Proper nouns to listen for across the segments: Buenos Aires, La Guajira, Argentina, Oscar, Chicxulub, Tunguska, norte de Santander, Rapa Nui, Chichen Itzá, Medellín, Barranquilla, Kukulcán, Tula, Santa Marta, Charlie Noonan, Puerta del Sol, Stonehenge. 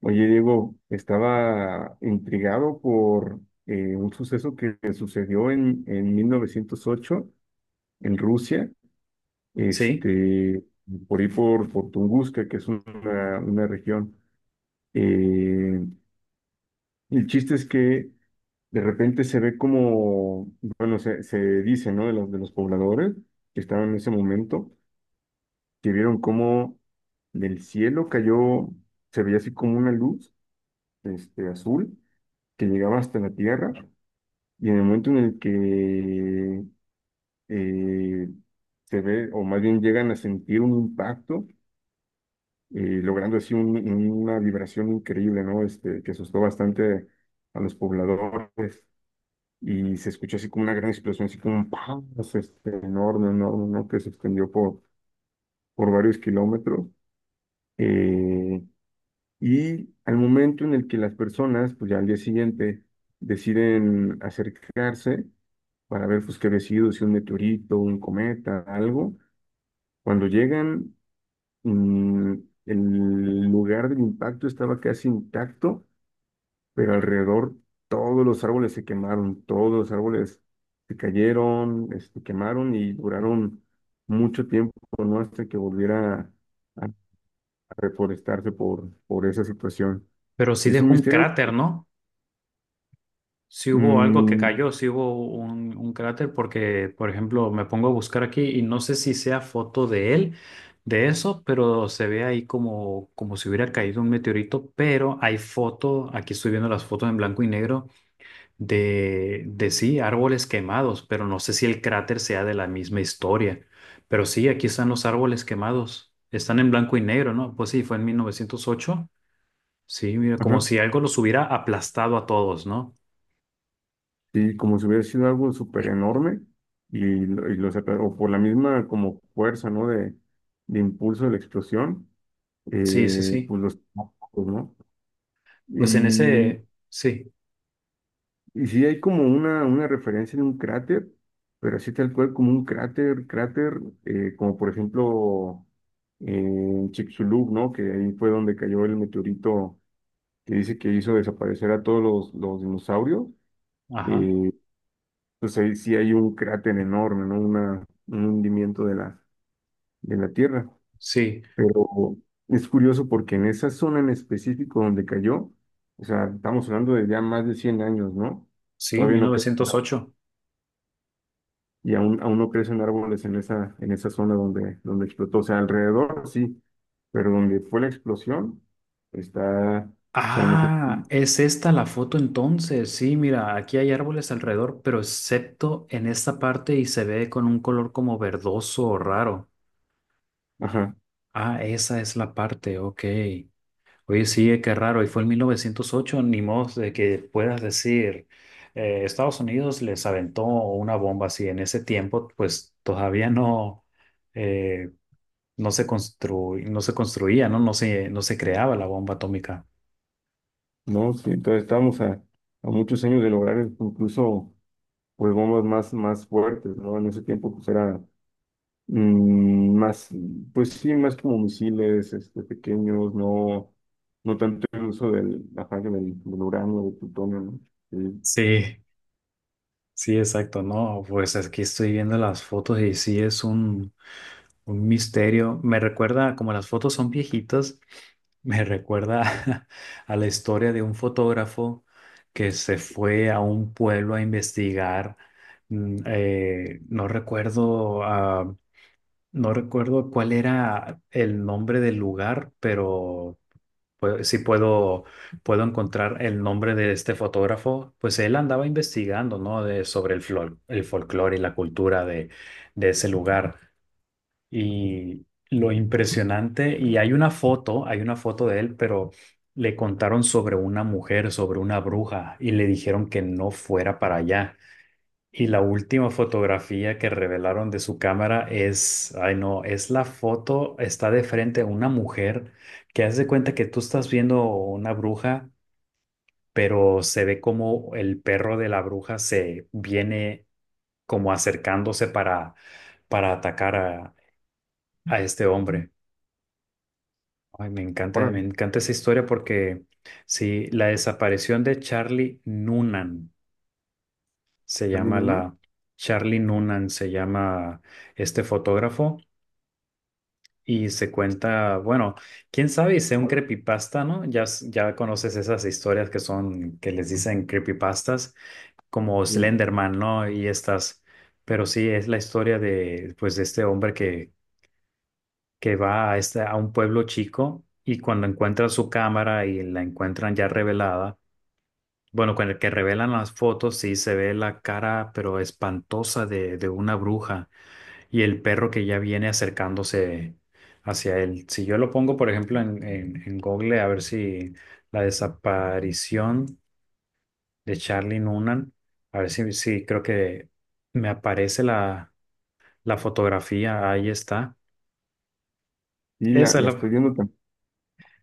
Oye, Diego, estaba intrigado por un suceso que sucedió en 1908 en Rusia, Sí, este, por ahí por Tunguska, que es una región. Eh, el chiste es que de repente se ve como, bueno, se dice, ¿no? De los pobladores que estaban en ese momento, que vieron cómo del cielo cayó, se veía así como una luz, azul, que llegaba hasta la tierra. Y en el momento en el que eh, se ve, o más bien llegan a sentir un impacto, logrando así una vibración increíble, ¿no? Que asustó bastante a los pobladores. Y se escuchó así como una gran explosión, así como un ¡pam! Así, enorme, enorme, ¿no? Que se extendió por varios kilómetros. Eh, y al momento en el que las personas, pues ya al día siguiente, deciden acercarse, para ver pues, qué había sido, si un meteorito, un cometa, algo. Cuando llegan, mm, el lugar del impacto estaba casi intacto, pero alrededor todos los árboles se quemaron, todos los árboles se cayeron, se quemaron y duraron mucho tiempo, ¿no? Hasta que volviera a reforestarse por esa situación. pero sí Y es un dejó un misterio. cráter, ¿no? Sí hubo algo que Mm, cayó, sí hubo un cráter porque, por ejemplo, me pongo a buscar aquí y no sé si sea foto de él, de eso, pero se ve ahí como, como si hubiera caído un meteorito, pero hay foto, aquí estoy viendo las fotos en blanco y negro de sí, árboles quemados, pero no sé si el cráter sea de la misma historia. Pero sí, aquí están los árboles quemados, están en blanco y negro, ¿no? Pues sí, fue en 1908. Sí, mira, como ajá. si algo los hubiera aplastado a todos, ¿no? Sí, como si hubiera sido algo súper enorme y, o por la misma como fuerza, ¿no? De impulso de la explosión, Sí, sí, sí. pues los tacos, ¿no? Pues en Y, ese, sí, y sí hay como una referencia de un cráter, pero así tal cual como un cráter, cráter, como por ejemplo en Chicxulub, ¿no? Que ahí fue donde cayó el meteorito que dice que hizo desaparecer a todos los dinosaurios. ajá, eh, pues ahí sí hay un cráter enorme, ¿no? Un hundimiento de la Tierra. sí, Pero es curioso porque en esa zona en específico donde cayó, o sea, estamos hablando de ya más de 100 años, ¿no? sí, Todavía mil no crece, novecientos ¿no? ocho. Y aún no crecen árboles en esa zona donde explotó. O sea, alrededor sí, pero donde fue la explosión, está, pues a lo mejor, Ah, es esta la foto entonces. Sí, mira, aquí hay árboles alrededor, pero excepto en esta parte y se ve con un color como verdoso o raro. ajá, Ah, esa es la parte, ok. Oye, sí, qué raro. Y fue en 1908 ni modo de que puedas decir, Estados Unidos les aventó una bomba así. En ese tiempo, pues todavía no, eh, no se constru- no se construía, ¿no? No se creaba la bomba atómica. ¿no? Sí, entonces estábamos a muchos años de lograr incluso pues bombas más, más fuertes, ¿no? En ese tiempo pues era más, pues sí, más como misiles pequeños, no, no tanto el uso del, ajá, que del uranio, del plutonio, ¿no? Sí. Sí, sí, exacto, ¿no? Pues aquí estoy viendo las fotos y sí es un misterio. Me recuerda como las fotos son viejitas. Me recuerda a la historia de un fotógrafo que se fue a un pueblo a investigar, no recuerdo, no recuerdo cuál era el nombre del lugar, pero pues, sí puedo, puedo encontrar el nombre de este fotógrafo. Pues él andaba investigando, ¿no? De, sobre el, flor, el folclore y la cultura de ese lugar y lo impresionante, y hay una foto de él, pero le contaron sobre una mujer, sobre una bruja, y le dijeron que no fuera para allá. Y la última fotografía que revelaron de su cámara es, ay no, es la foto, está de frente a una mujer que hace de cuenta que tú estás viendo una bruja, pero se ve como el perro de la bruja se viene como acercándose para atacar a este hombre. Ay, me Órale, encanta esa historia porque sí, la desaparición de Charlie Noonan se perdí llama mi una. la Charlie Noonan se llama este fotógrafo y se cuenta, bueno, quién sabe, y sea un Hola. creepypasta, ¿no? Ya, s- ya conoces esas historias que son, que les dicen creepypastas, como Sí, Slenderman, ¿no? Y estas, pero sí, es la historia de, pues, de este hombre que va a, este, a un pueblo chico y cuando encuentra su cámara y la encuentran ya revelada, bueno, con el que revelan las fotos, sí se ve la cara, pero espantosa de una bruja y el perro que ya viene acercándose hacia él. Si yo lo pongo, por ejemplo, en Google, a ver si la desaparición de Charlie Noonan, a ver si, si creo que me aparece la, la fotografía, ahí está. y la, Esa es la estoy la, viendo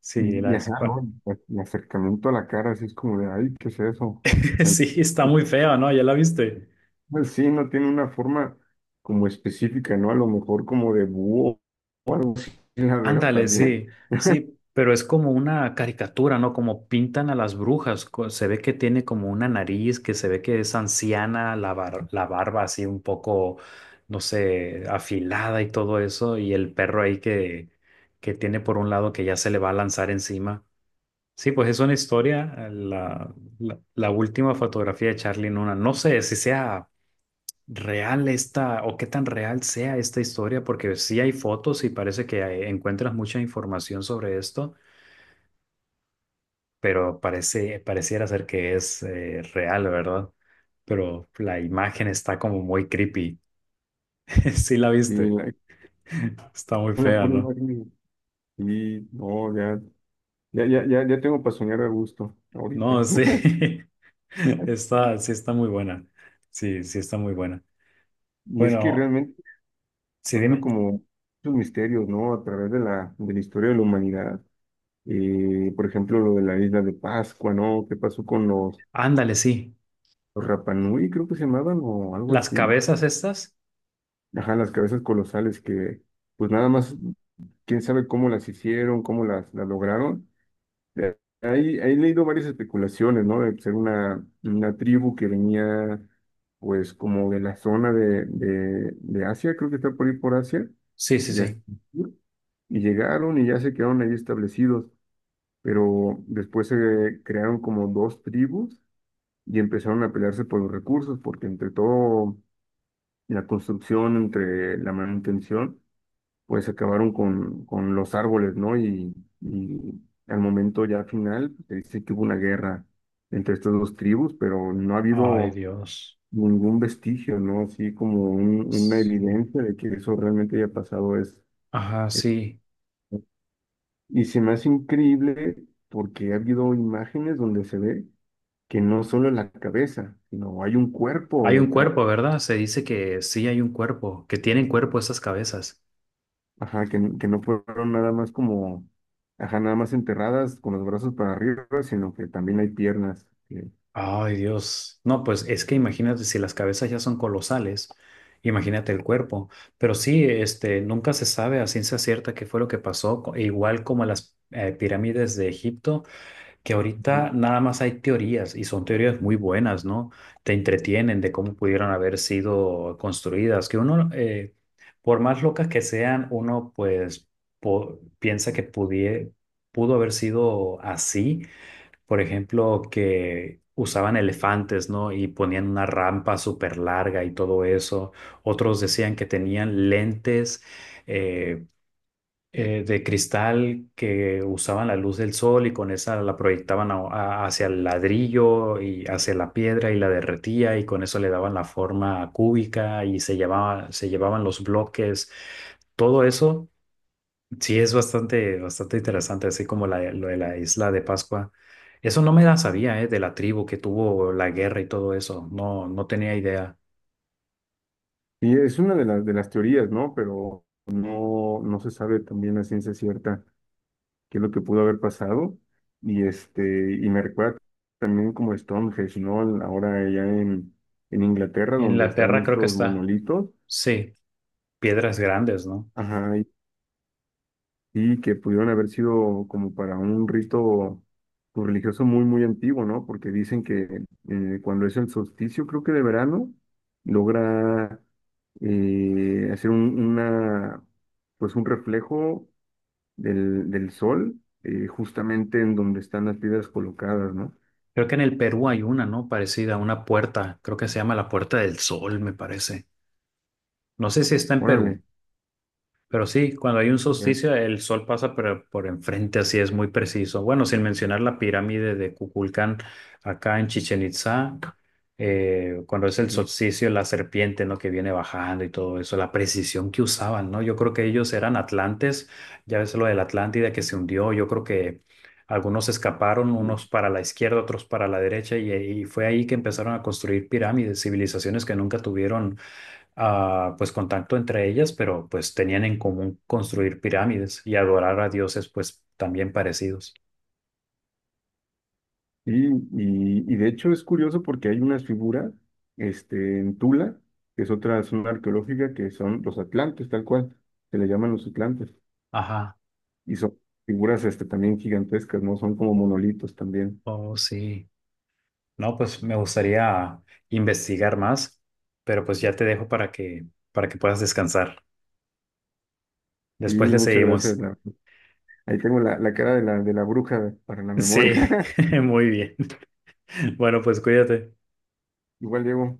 sí, la y, ajá, ¿no? desaparición. El acercamiento a la cara, así es como de, ay, ¿qué es eso? Sí, está muy fea, ¿no? ¿Ya la viste? Pues sí, no tiene una forma como específica, ¿no? A lo mejor como de búho o algo así, la veo Ándale, también. sí, sí, pero es como una caricatura, ¿no? Como pintan a las brujas. Co- Se ve que tiene como una nariz, que se ve que es anciana, la bar- la barba así un poco, no sé, afilada y todo eso, y el perro ahí que tiene por un lado que ya se le va a lanzar encima. Sí, pues es una historia, la última fotografía de Charlie Nuna. No sé si sea real esta o qué tan real sea esta historia, porque sí hay fotos y parece que hay- encuentras mucha información sobre esto, pero parece, pareciera ser que es real, ¿verdad? Pero la imagen está como muy creepy. Sí la Y viste. la- Está muy Una fea, pura ¿no? imagen. Y no, ya, ya, ya, ya, ya tengo para soñar a gusto No, ahorita. sí. Está, sí está muy buena. Sí, sí está muy buena. Y es que Bueno, realmente sí, ha habido dime. como muchos misterios, ¿no? A través de la historia de la humanidad. Por ejemplo, lo de la Isla de Pascua, ¿no? ¿Qué pasó con los, Ándale, sí. los Rapa Nui, creo que se llamaban, o algo Las así? cabezas estas. Ajá, las cabezas colosales que, pues nada más, quién sabe cómo las hicieron, cómo las lograron. Ahí he leído varias especulaciones, ¿no? De ser una tribu que venía, pues, como de la zona de Asia, creo que está por ir por Asia, Sí, sí, de hacia sí. el sur, y llegaron y ya se quedaron ahí establecidos, pero después se crearon como dos tribus y empezaron a pelearse por los recursos, porque entre todo, la construcción, entre la manutención, pues acabaron con los árboles, ¿no? Y al momento ya final pues, se dice que hubo una guerra entre estas dos tribus, pero no ha Ay, habido Dios. ningún vestigio, ¿no? Así como una Sí. evidencia de que eso realmente haya pasado Ajá, es- sí. Y se me hace increíble porque ha habido imágenes donde se ve que no solo es la cabeza, sino hay un cuerpo Hay un detrás. cuerpo, ¿verdad? Se dice que sí hay un cuerpo, que tienen cuerpo esas cabezas. Ajá, que no fueron nada más como, ajá, nada más enterradas con los brazos para arriba, sino que también hay piernas. Ay, Dios. No, pues es que imagínate, si las cabezas ya son colosales, imagínate el cuerpo. Pero sí, este, nunca se sabe a ciencia cierta qué fue lo que pasó, co- igual como las pirámides de Egipto. Que ahorita Ujú. nada más hay teorías y son teorías muy buenas, ¿no? Te entretienen de cómo pudieron haber sido construidas, que uno, por más locas que sean, uno pues po- piensa que pudie- pudo haber sido así, por ejemplo, que usaban elefantes, ¿no? Y ponían una rampa súper larga y todo eso. Otros decían que tenían lentes. eh, de cristal que usaban la luz del sol y con esa la proyectaban a- hacia el ladrillo y hacia la piedra y la derretía y con eso le daban la forma cúbica y se llevaba, se llevaban los bloques. Todo eso sí es bastante, bastante interesante, así como la, lo de la isla de Pascua. Eso no me la sabía, de la tribu que tuvo la guerra y todo eso. No, no tenía idea. Y es una de las teorías, ¿no? Pero no, no se sabe también la ciencia cierta qué es lo que pudo haber pasado. Y me recuerda también como Stonehenge, ¿no? Ahora allá en Inglaterra, En donde están Inglaterra creo que estos está. monolitos. Sí, piedras grandes, ¿no? Ajá, y que pudieron haber sido como para un rito pues, religioso muy, muy antiguo, ¿no? Porque dicen que cuando es el solsticio, creo que de verano, logra hacer pues un reflejo del sol justamente en donde están las piedras colocadas, ¿no? Creo que en el Perú hay una, ¿no? Parecida, una puerta. Creo que se llama la Puerta del Sol, me parece. No sé si está en Perú. Órale. Pero sí, cuando hay un Ya, solsticio, el sol pasa por enfrente, así es muy preciso. Bueno, sin mencionar la pirámide de Kukulcán acá en Chichen Itzá, cuando es el solsticio, la serpiente, ¿no? Que viene bajando y todo eso, la precisión que usaban, ¿no? Yo creo que ellos eran atlantes, ya ves lo de la Atlántida que se hundió, yo creo que algunos escaparon, ya. unos para la izquierda, otros para la derecha, y fue ahí que empezaron a construir pirámides, civilizaciones que nunca tuvieron pues contacto entre ellas, pero pues tenían en común construir pirámides y adorar a dioses pues también parecidos. Y de hecho es curioso porque hay unas figuras en Tula, que es otra zona arqueológica, que son los atlantes, tal cual, se le llaman los atlantes. Ajá, Y son figuras también gigantescas, ¿no? Son como monolitos también. oh sí. No, pues me gustaría investigar más, pero pues ya te dejo para que puedas descansar. Y Después le muchas gracias. seguimos. Ahí tengo la cara de la bruja para la memoria. Sí, muy bien. Bueno, pues cuídate. Igual, Diego,